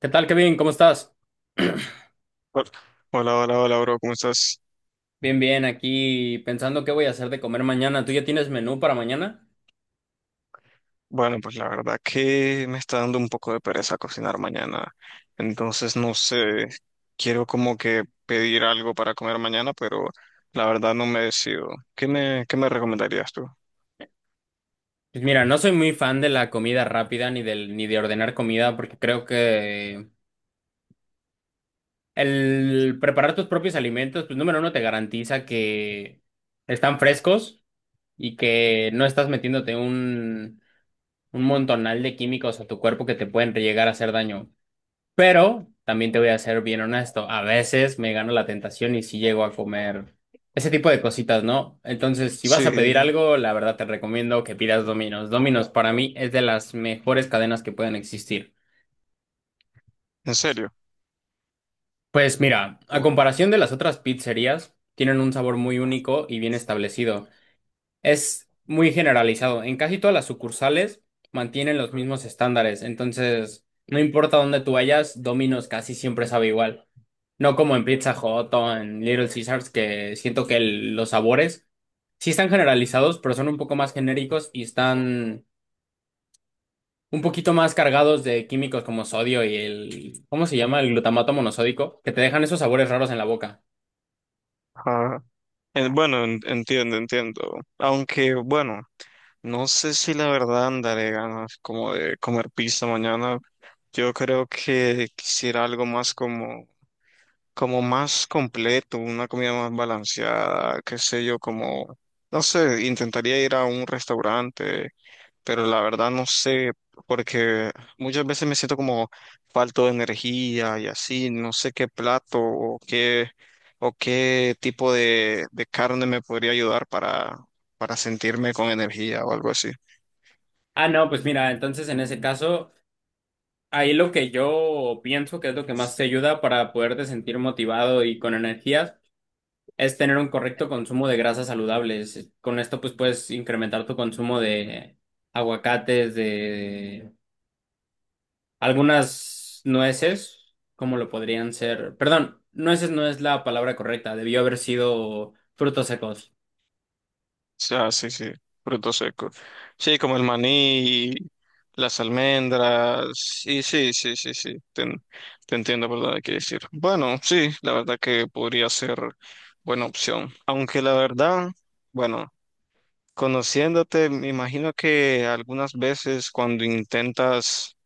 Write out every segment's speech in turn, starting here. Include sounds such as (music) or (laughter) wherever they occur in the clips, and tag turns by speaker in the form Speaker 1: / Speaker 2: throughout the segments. Speaker 1: ¿Qué tal, Kevin? ¿Cómo estás?
Speaker 2: Hola, hola, hola, hola, bro, ¿cómo estás?
Speaker 1: Bien, bien, aquí pensando qué voy a hacer de comer mañana. ¿Tú ya tienes menú para mañana?
Speaker 2: Bueno, pues la verdad que me está dando un poco de pereza cocinar mañana, entonces no sé, quiero como que pedir algo para comer mañana, pero la verdad no me decido. ¿Qué me recomendarías tú?
Speaker 1: Pues mira, no soy muy fan de la comida rápida ni del ni de ordenar comida porque creo que el preparar tus propios alimentos, pues número uno te garantiza que están frescos y que no estás metiéndote un montonal de químicos a tu cuerpo que te pueden llegar a hacer daño. Pero también te voy a ser bien honesto, a veces me gano la tentación y sí llego a comer ese tipo de cositas, ¿no? Entonces, si vas a
Speaker 2: Sí,
Speaker 1: pedir algo, la verdad te recomiendo que pidas Domino's. Domino's para mí es de las mejores cadenas que pueden existir.
Speaker 2: en serio.
Speaker 1: Pues mira, a
Speaker 2: Tú.
Speaker 1: comparación de las otras pizzerías, tienen un sabor muy único y bien establecido. Es muy generalizado. En casi todas las sucursales mantienen los mismos estándares. Entonces, no importa dónde tú vayas, Domino's casi siempre sabe igual. No como en Pizza Hut o en Little Caesars, que siento que los sabores sí están generalizados, pero son un poco más genéricos y están un poquito más cargados de químicos como sodio y el, ¿cómo se llama? El glutamato monosódico, que te dejan esos sabores raros en la boca.
Speaker 2: Ajá. Entiendo, entiendo. Aunque, bueno, no sé si la verdad andaré ganas como de comer pizza mañana. Yo creo que quisiera algo más como más completo, una comida más balanceada, qué sé yo, como, no sé, intentaría ir a un restaurante, pero la verdad no sé, porque muchas veces me siento como falto de energía y así, no sé qué plato o qué tipo de carne me podría ayudar para sentirme con energía o algo así.
Speaker 1: Ah, no, pues mira, entonces en ese caso, ahí lo que yo pienso que es lo que más te ayuda para poderte sentir motivado y con energías, es tener un correcto consumo de grasas saludables. Con esto, pues puedes incrementar tu consumo de aguacates, de algunas nueces, como lo podrían ser. Perdón, nueces no es la palabra correcta, debió haber sido frutos secos.
Speaker 2: Sí, ah, sí, sí, frutos secos. Sí, como el maní, las almendras, y sí, sí, sí, sí, te entiendo, ¿verdad? Quiere decir. Bueno, sí, la verdad que podría ser buena opción. Aunque la verdad, bueno, conociéndote, me imagino que algunas veces cuando intentas,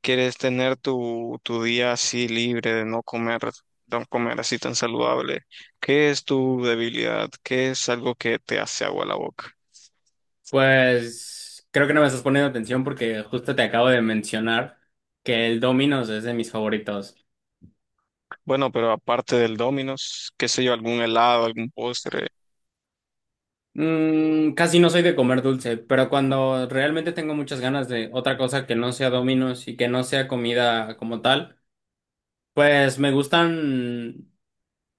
Speaker 2: quieres tener tu día así libre de no comer, no comer así tan saludable. ¿Qué es tu debilidad? ¿Qué es algo que te hace agua la boca?
Speaker 1: Pues creo que no me estás poniendo atención porque justo te acabo de mencionar que el Domino's es de mis favoritos.
Speaker 2: Bueno, pero aparte del Domino's, qué sé yo, algún helado, algún postre.
Speaker 1: Casi no soy de comer dulce, pero cuando realmente tengo muchas ganas de otra cosa que no sea Domino's y que no sea comida como tal, pues me gustan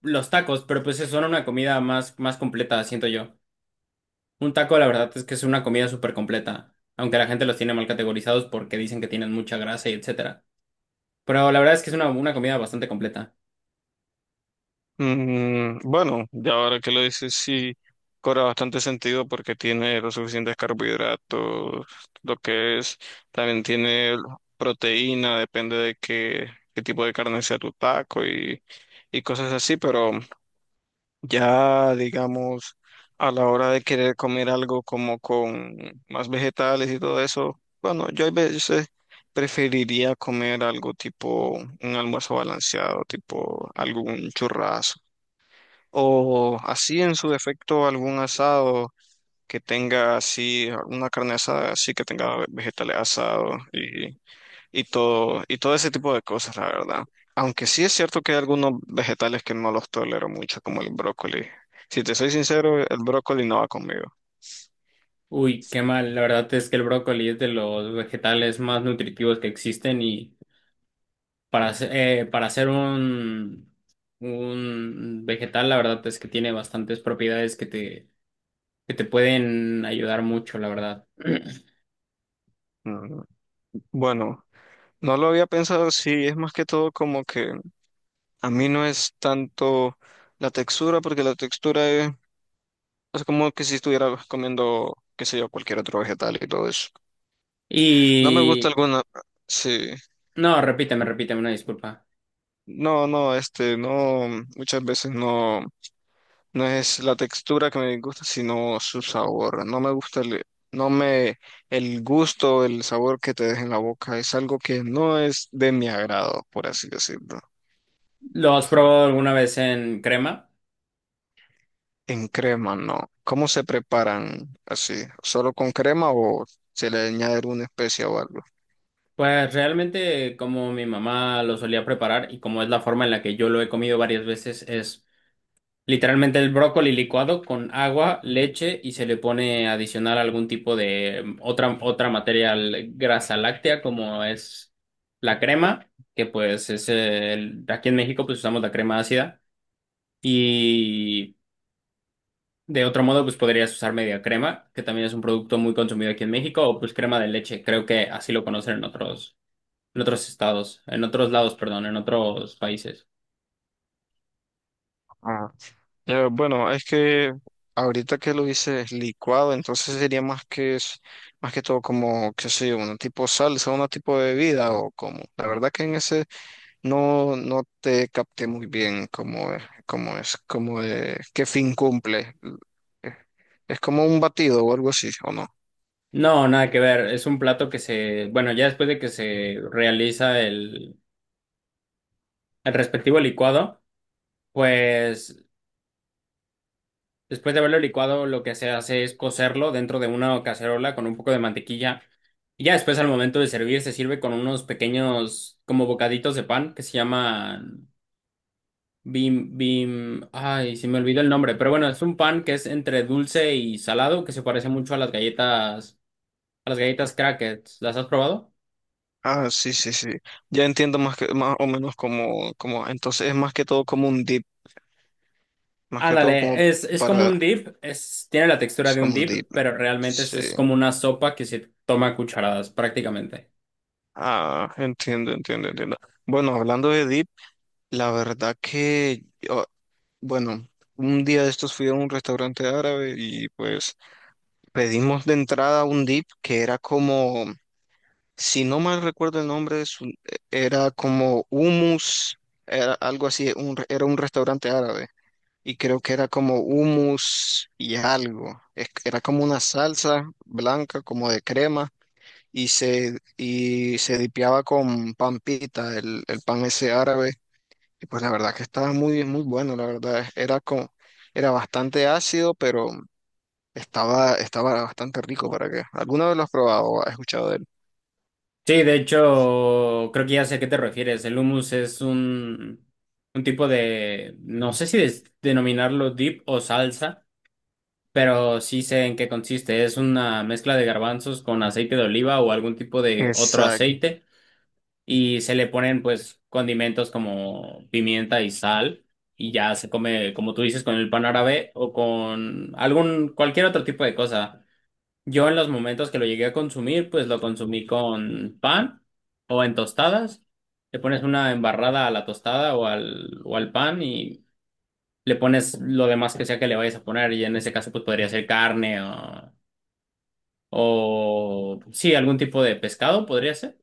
Speaker 1: los tacos, pero pues son una comida más, más completa, siento yo. Un taco, la verdad es que es una comida súper completa, aunque la gente los tiene mal categorizados porque dicen que tienen mucha grasa y etcétera. Pero la verdad es que es una comida bastante completa.
Speaker 2: Mm, bueno, ya ahora que lo dices, sí, cobra bastante sentido porque tiene los suficientes carbohidratos, lo que es, también tiene proteína, depende de qué, qué tipo de carne sea tu taco y cosas así, pero ya, digamos, a la hora de querer comer algo como con más vegetales y todo eso, bueno, yo a veces preferiría comer algo tipo un almuerzo balanceado, tipo algún churrasco, o así en su defecto algún asado que tenga así, una carne asada así que tenga vegetales asados y todo, todo ese tipo de cosas, la verdad. Aunque sí es cierto que hay algunos vegetales que no los tolero mucho, como el brócoli. Si te soy sincero, el brócoli no va conmigo.
Speaker 1: Uy, qué mal, la verdad es que el brócoli es de los vegetales más nutritivos que existen y para hacer un vegetal, la verdad es que tiene bastantes propiedades que te pueden ayudar mucho, la verdad. (clears throat)
Speaker 2: Mm, bueno, no lo había pensado, sí, es más que todo como que a mí no es tanto la textura, porque la textura es como que si estuviera comiendo, qué sé yo, cualquier otro vegetal y todo eso. No me gusta
Speaker 1: Y
Speaker 2: alguna, sí,
Speaker 1: no, repíteme, repíteme, una disculpa.
Speaker 2: no, no, no, muchas veces no. No es la textura que me gusta, sino su sabor. No me gusta el, no me, el gusto, el sabor que te deja en la boca. Es algo que no es de mi agrado, por así decirlo.
Speaker 1: ¿Lo has probado alguna vez en crema?
Speaker 2: En crema, no. ¿Cómo se preparan así? ¿Solo con crema o se le añade una especia o algo?
Speaker 1: Pues realmente como mi mamá lo solía preparar y como es la forma en la que yo lo he comido varias veces, es literalmente el brócoli licuado con agua, leche y se le pone adicional algún tipo de otra grasa láctea como es la crema, que pues aquí en México pues usamos la crema ácida y de otro modo pues podrías usar media crema, que también es un producto muy consumido aquí en México, o pues crema de leche, creo que así lo conocen en otros, estados, en otros lados, perdón, en otros países.
Speaker 2: Bueno, es que ahorita que lo dices licuado, entonces sería más que es- más que todo como, qué sé yo, un tipo salsa, un tipo de bebida o como. La verdad que en ese no, no te capté muy bien cómo es, qué fin cumple. Eh, ¿Es como un batido o algo así, o no?
Speaker 1: No, nada que ver. Es un plato que bueno, ya después de que se realiza el respectivo licuado, pues después de haberlo licuado, lo que se hace es cocerlo dentro de una cacerola con un poco de mantequilla. Y ya después, al momento de servir, se sirve con unos pequeños, como bocaditos de pan que se llaman bim, bim. Ay, se me olvidó el nombre, pero bueno, es un pan que es entre dulce y salado, que se parece mucho a las galletas crackers. ¿Las has probado?
Speaker 2: Ah, sí, sí, sí. Ya entiendo más que, más o menos como, como, entonces es más que todo como un dip, más que todo como
Speaker 1: Ándale, es como
Speaker 2: para,
Speaker 1: un dip, tiene la textura
Speaker 2: es
Speaker 1: de un
Speaker 2: como un
Speaker 1: dip,
Speaker 2: dip.
Speaker 1: pero realmente es,
Speaker 2: Sí.
Speaker 1: es como una sopa que se toma a cucharadas prácticamente.
Speaker 2: Ah, entiendo, entiendo, entiendo. Bueno, hablando de Deep, la verdad que, bueno, un día de estos fui a un restaurante árabe y pues pedimos de entrada un Deep que era como, si no mal recuerdo el nombre, era como hummus, era algo así, era un restaurante árabe y creo que era como hummus y algo. Era como una salsa blanca, como de crema y se dipeaba con pan pita, el pan ese árabe, y pues la verdad que estaba muy, muy bueno, la verdad, era como, era bastante ácido, pero estaba bastante rico para que, ¿alguna vez lo has probado o has escuchado de él?
Speaker 1: Sí, de hecho, creo que ya sé a qué te refieres. El hummus es un tipo de, no sé si denominarlo dip o salsa, pero sí sé en qué consiste. Es una mezcla de garbanzos con aceite de oliva o algún tipo de otro
Speaker 2: Exacto.
Speaker 1: aceite, y se le ponen pues condimentos como pimienta y sal y ya se come, como tú dices, con el pan árabe o con algún cualquier otro tipo de cosa. Yo en los momentos que lo llegué a consumir, pues lo consumí con pan o en tostadas. Le pones una embarrada a la tostada o al pan y le pones lo demás que sea que le vayas a poner y en ese caso pues podría ser carne o sí, algún tipo de pescado podría ser.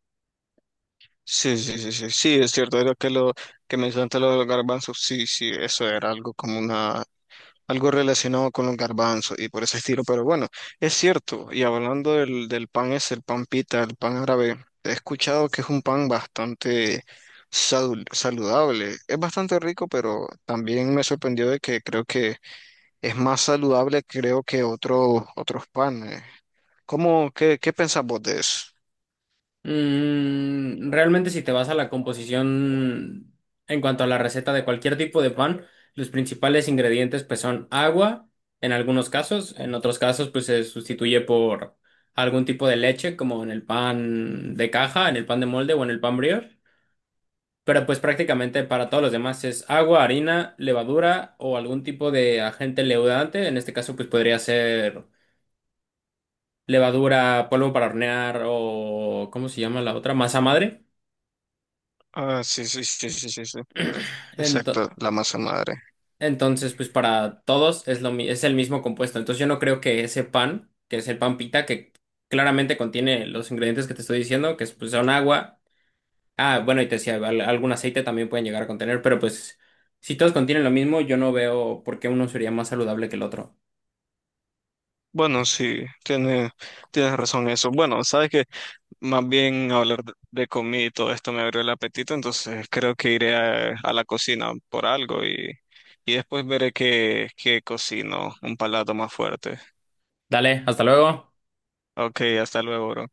Speaker 2: Sí, sí, sí, sí, sí, es cierto, era que lo que mencionaste lo de los garbanzos, sí, sí, eso era algo como una algo relacionado con los garbanzos y por ese estilo, pero bueno, es cierto, y hablando del pan es el pan pita, el pan árabe, he escuchado que es un pan bastante saludable, es bastante rico, pero también me sorprendió de que creo que es más saludable creo que otros panes. ¿ Qué pensás vos de eso?
Speaker 1: Realmente si te vas a la composición en cuanto a la receta de cualquier tipo de pan, los principales ingredientes pues son agua en algunos casos, en otros casos pues se sustituye por algún tipo de leche como en el pan de caja, en el pan de molde o en el pan brioche, pero pues prácticamente para todos los demás es agua, harina, levadura o algún tipo de agente leudante, en este caso pues podría ser levadura, polvo para hornear o ¿cómo se llama la otra? Masa madre.
Speaker 2: Ah, sí, sí, sí, sí, sí, sí.
Speaker 1: Ento-
Speaker 2: Exacto, la masa madre.
Speaker 1: Entonces, pues para todos es el mismo compuesto. Entonces yo no creo que ese pan, que es el pan pita, que claramente contiene los ingredientes que te estoy diciendo, que es, pues, son agua. Ah, bueno, y te decía, algún aceite también pueden llegar a contener, pero pues si todos contienen lo mismo, yo no veo por qué uno sería más saludable que el otro.
Speaker 2: Bueno, sí, tienes razón en eso. Bueno, sabes que más bien hablar de comida y todo esto me abrió el apetito, entonces creo que iré a la cocina por algo y después veré qué, qué cocino, un palato más fuerte.
Speaker 1: Dale, hasta luego.
Speaker 2: Ok, hasta luego, bro.